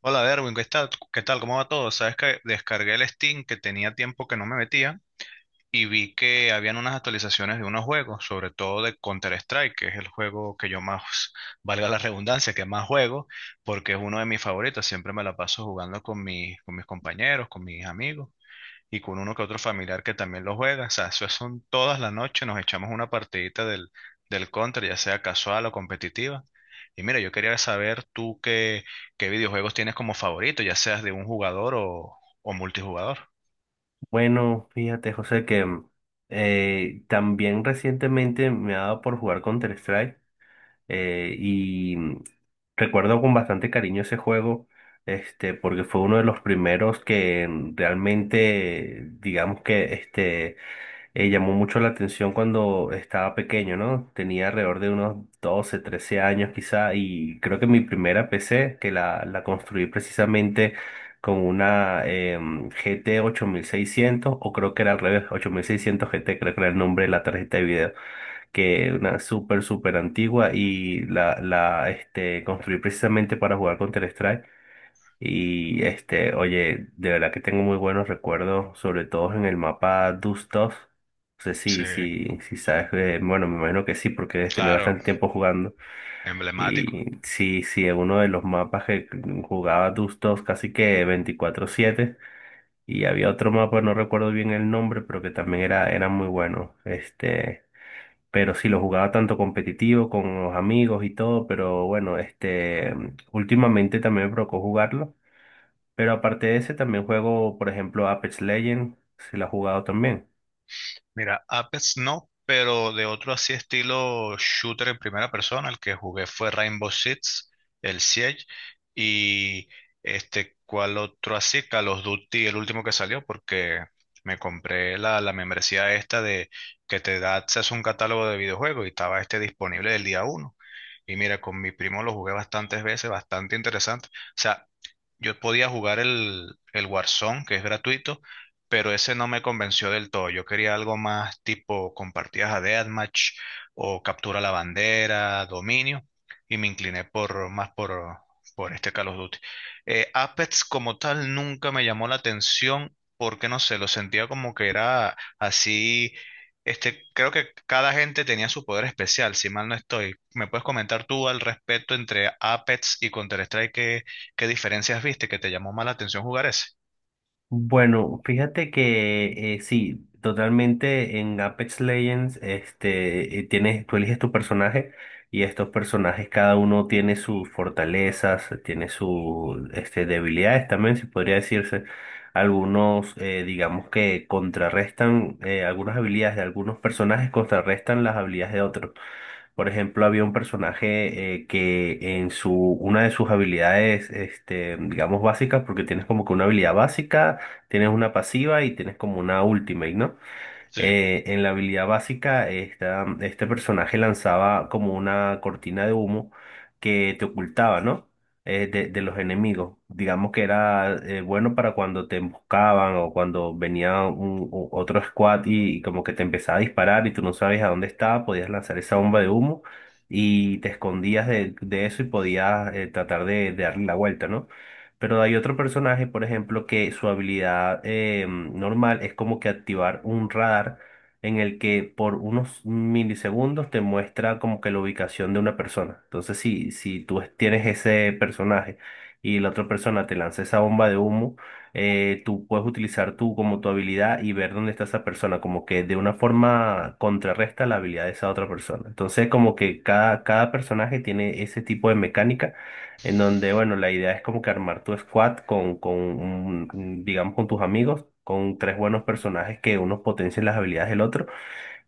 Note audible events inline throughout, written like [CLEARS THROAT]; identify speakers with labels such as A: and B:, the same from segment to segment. A: Hola, Derwin, ¿qué tal? ¿Qué tal? ¿Cómo va todo? Sabes que descargué el Steam que tenía tiempo que no me metía y vi que habían unas actualizaciones de unos juegos, sobre todo de Counter-Strike, que es el juego que yo más, valga la redundancia, que más juego, porque es uno de mis favoritos. Siempre me la paso jugando con mis, compañeros, con mis amigos y con uno que otro familiar que también lo juega. O sea, eso son todas las noches, nos echamos una partidita del, Counter, ya sea casual o competitiva. Y mira, yo quería saber tú qué, videojuegos tienes como favorito, ya seas de un jugador o, multijugador.
B: Bueno, fíjate, José, que también recientemente me ha dado por jugar Counter-Strike y recuerdo con bastante cariño ese juego, este, porque fue uno de los primeros que realmente, digamos que este, llamó mucho la atención cuando estaba pequeño, ¿no? Tenía alrededor de unos 12, 13 años quizá y creo que mi primera PC, que la construí precisamente con una GT 8600 o creo que era al revés, 8600 GT, creo que era el nombre de la tarjeta de video, que es una súper, súper antigua y la este, construí precisamente para jugar con counter y este, oye, de verdad que tengo muy buenos recuerdos, sobre todo en el mapa Dustov. No sé
A: Sí,
B: si sabes, bueno, me imagino que sí, porque debes tener
A: claro,
B: bastante tiempo jugando.
A: emblemático.
B: Y sí, sí, es uno de los mapas que jugaba Dustov casi que 24/7. Y había otro mapa, no recuerdo bien el nombre, pero que también era muy bueno. Este, pero sí, lo jugaba tanto competitivo con los amigos y todo, pero bueno, este, últimamente también me provocó jugarlo. Pero aparte de ese, también juego, por ejemplo, Apex Legends, si lo has jugado también.
A: Mira, Apex no, pero de otro así estilo shooter en primera persona, el que jugué fue Rainbow Six, el Siege, y este, ¿cuál otro así? Call of Duty, el último que salió, porque me compré la, membresía esta de que te da acceso a un catálogo de videojuegos y estaba este disponible el día uno. Y mira, con mi primo lo jugué bastantes veces, bastante interesante. O sea, yo podía jugar el, Warzone, que es gratuito, pero ese no me convenció del todo. Yo quería algo más tipo compartidas a Deathmatch o captura la bandera, dominio, y me incliné por más por este Call of Duty. Apex como tal nunca me llamó la atención porque no sé, lo sentía como que era así. Este, creo que cada gente tenía su poder especial, si mal no estoy. ¿Me puedes comentar tú al respecto entre Apex y Counter-Strike? ¿Qué diferencias viste que te llamó más la atención jugar ese?
B: Bueno, fíjate que sí, totalmente en Apex Legends, este, tú eliges tu personaje y estos personajes cada uno tiene sus fortalezas, tiene sus este, debilidades también, si podría decirse. Algunos, digamos que contrarrestan algunas habilidades de algunos personajes, contrarrestan las habilidades de otros. Por ejemplo, había un personaje que una de sus habilidades, este, digamos, básicas, porque tienes como que una habilidad básica, tienes una pasiva y tienes como una ultimate, ¿no?
A: Sí,
B: En la habilidad básica, este personaje lanzaba como una cortina de humo que te ocultaba, ¿no? De los enemigos. Digamos que era bueno para cuando te emboscaban o cuando venía otro squad y como que te empezaba a disparar y tú no sabes a dónde estaba, podías lanzar esa bomba de humo y te escondías de eso y podías tratar de darle la vuelta, ¿no? Pero hay otro personaje, por ejemplo, que su habilidad normal es como que activar un radar en el que por unos milisegundos te muestra como que la ubicación de una persona. Entonces, si tú tienes ese personaje y la otra persona te lanza esa bomba de humo, tú puedes utilizar tú como tu habilidad y ver dónde está esa persona, como que de una forma contrarresta la habilidad de esa otra persona. Entonces, como que cada personaje tiene ese tipo de mecánica en donde, bueno, la idea es como que armar tu squad con digamos, con tus amigos, con tres buenos personajes que unos potencien las habilidades del otro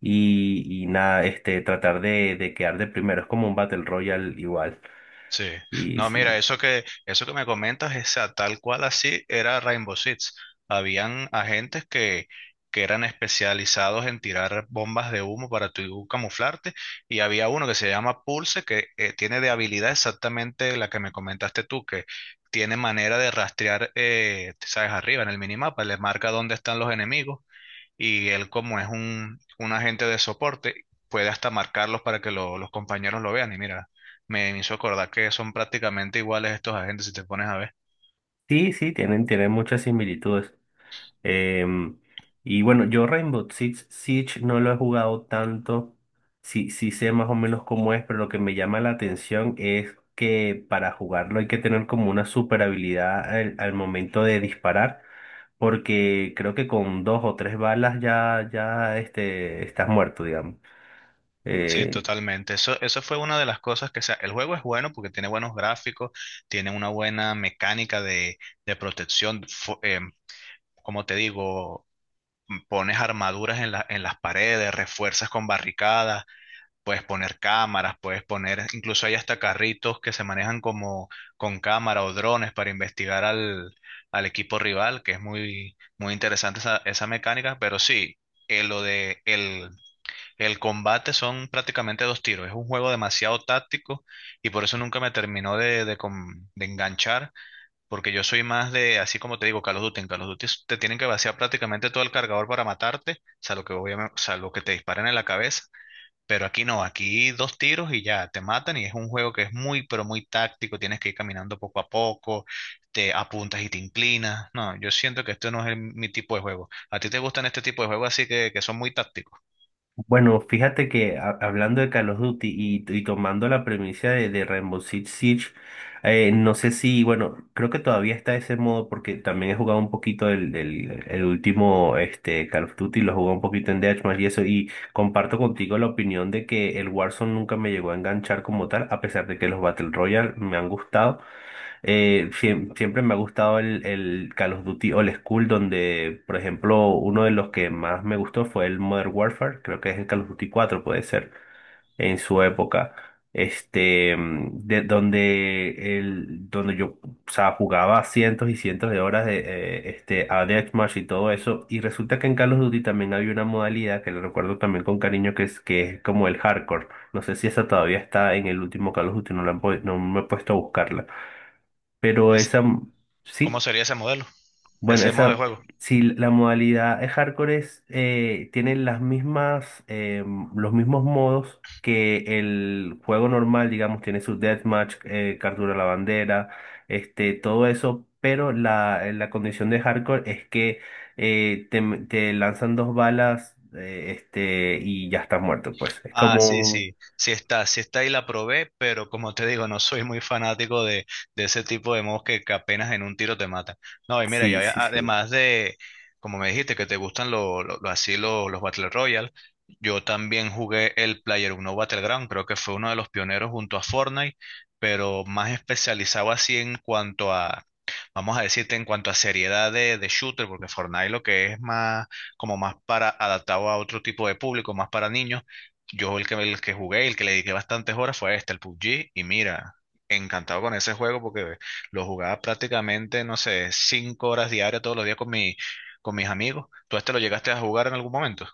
B: y nada, este, tratar de quedar de primero. Es como un Battle Royale igual.
A: sí.
B: Y
A: No,
B: sí,
A: mira, eso que me comentas, esa tal cual así era Rainbow Six. Habían agentes que, eran especializados en tirar bombas de humo para tu camuflarte, y había uno que se llama Pulse, que tiene de habilidad exactamente la que me comentaste tú, que tiene manera de rastrear, sabes, arriba en el minimapa, le marca dónde están los enemigos y él como es un, agente de soporte, puede hasta marcarlos para que los compañeros lo vean. Y mira, me hizo acordar que son prácticamente iguales estos agentes si te pones a ver.
B: sí, sí, tienen muchas similitudes. Em, y bueno, yo Rainbow Six Siege no lo he jugado tanto. Sí, sí sé más o menos cómo es, pero lo que me llama la atención es que para jugarlo hay que tener como una super habilidad al momento de disparar, porque creo que con dos o tres balas ya este, estás muerto, digamos.
A: Sí,
B: Eh,
A: totalmente. Eso fue una de las cosas que, o sea, el juego es bueno porque tiene buenos gráficos, tiene una buena mecánica de, protección. Como te digo, pones armaduras en en las paredes, refuerzas con barricadas. Puedes poner cámaras, puedes poner, incluso hay hasta carritos que se manejan como con cámara o drones para investigar al, equipo rival, que es muy, muy interesante esa, mecánica, pero sí, lo de el, combate son prácticamente dos tiros, es un juego demasiado táctico y por eso nunca me terminó de enganchar, porque yo soy más de, así como te digo, Call of Duty. En Call of Duty te tienen que vaciar prácticamente todo el cargador para matarte, salvo que, obviamente, salvo que te disparen en la cabeza, pero aquí no, aquí dos tiros y ya te matan y es un juego que es muy, pero muy táctico. Tienes que ir caminando poco a poco, te apuntas y te inclinas. No, yo siento que esto no es el- mi tipo de juego. ¿A ti te gustan este tipo de juegos así que son muy tácticos?
B: Bueno, fíjate que hablando de Call of Duty y tomando la premisa de Rainbow Six Siege, No sé si, bueno, creo que todavía está ese modo porque también he jugado un poquito el último este, Call of Duty, lo jugué un poquito en Deathmatch y eso, y comparto contigo la opinión de que el Warzone nunca me llegó a enganchar como tal, a pesar de que los Battle Royale me han gustado. Siempre me ha gustado el Call of Duty Old School, donde, por ejemplo, uno de los que más me gustó fue el Modern Warfare, creo que es el Call of Duty 4 puede ser, en su época. Este, donde yo, o sea, jugaba cientos y cientos de horas de este, a Deathmatch y todo eso. Y resulta que en Call of Duty también había una modalidad que le recuerdo también con cariño, que es como el hardcore. No sé si esa todavía está en el último Call of Duty, no, no me he puesto a buscarla pero
A: Es-
B: esa, sí,
A: ¿cómo sería ese modelo,
B: bueno,
A: ese modo de
B: esa,
A: juego?
B: si la modalidad es hardcore es, tiene las mismas, los mismos modos que el juego normal, digamos, tiene su deathmatch, captura la bandera, este, todo eso, pero la condición de hardcore es que te lanzan dos balas, este, y ya estás muerto, pues. Es
A: Ah, sí,
B: como,
A: sí, sí está y la probé, pero como te digo, no soy muy fanático de, ese tipo de modos que, apenas en un tiro te matan. No, y mira, y
B: sí, sí, sí.
A: además de, como me dijiste, que te gustan así los Battle Royale, yo también jugué el Player Uno Battleground, creo que fue uno de los pioneros junto a Fortnite, pero más especializado así vamos a decirte, en cuanto a seriedad de, shooter, porque Fortnite lo que es más, como más para adaptado a otro tipo de público, más para niños. Yo el que jugué, el que le dediqué bastantes horas fue este, el PUBG, y mira, encantado con ese juego porque lo jugaba prácticamente, no sé, 5 horas diarias todos los días con mi, con mis amigos. ¿Tú este lo llegaste a jugar en algún momento?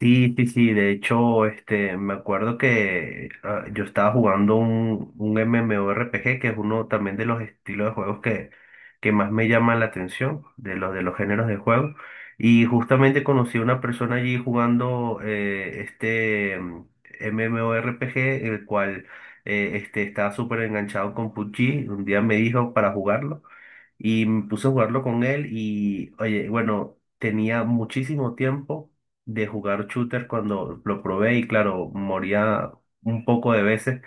B: Sí, sí, sí, de hecho, este, me acuerdo que yo estaba jugando un MMORPG, que es uno también de los estilos de juegos que más me llama la atención, de los géneros de juego. Y justamente conocí a una persona allí jugando este MMORPG, el cual este, estaba súper enganchado con PUBG. Un día me dijo para jugarlo y me puse a jugarlo con él y, oye, bueno, tenía muchísimo tiempo de jugar shooter cuando lo probé y claro, moría un poco de veces,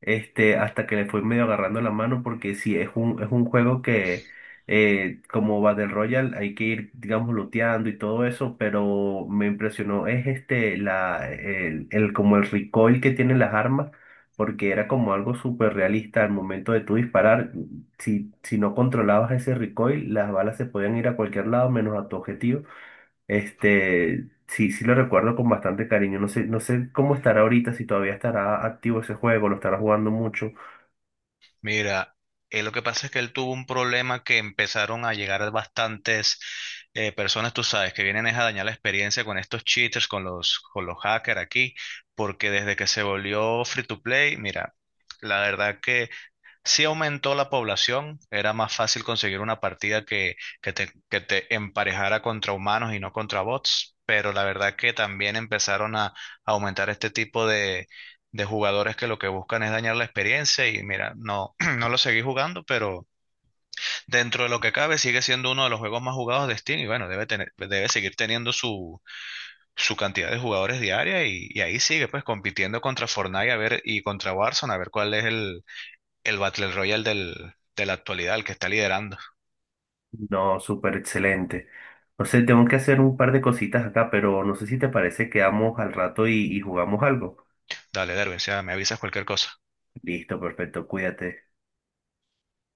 B: este, hasta que le fui medio agarrando la mano porque sí, es un juego que como Battle Royale hay que ir, digamos, looteando y todo eso, pero me impresionó es este, como el recoil que tienen las armas. Porque era como algo súper realista al momento de tú disparar. Si no controlabas ese recoil, las balas se podían ir a cualquier lado menos a tu objetivo. Este, sí, sí lo recuerdo con bastante cariño. No sé, no sé cómo estará ahorita, si todavía estará activo ese juego, lo estará jugando mucho.
A: Mira, lo que pasa es que él tuvo un problema que empezaron a llegar bastantes personas, tú sabes, que vienen es a dañar la experiencia con estos cheaters, con los, hackers aquí, porque desde que se volvió free to play, mira, la verdad que sí aumentó la población, era más fácil conseguir una partida que te emparejara contra humanos y no contra bots, pero la verdad que también empezaron a aumentar este tipo de, jugadores que lo que buscan es dañar la experiencia y mira, no, [CLEARS THROAT] no lo seguí jugando, pero dentro de lo que cabe sigue siendo uno de los juegos más jugados de Steam y bueno, debe tener, debe seguir teniendo su, cantidad de jugadores diaria y ahí sigue pues compitiendo contra Fortnite a ver, y contra Warzone a ver cuál es el, Battle Royale del, de la actualidad, el que está liderando.
B: No, súper excelente. No sé, tengo que hacer un par de cositas acá, pero no sé si te parece que vamos al rato y jugamos algo.
A: Dale, Derwin, o sea, me avisas cualquier cosa.
B: Listo, perfecto, cuídate.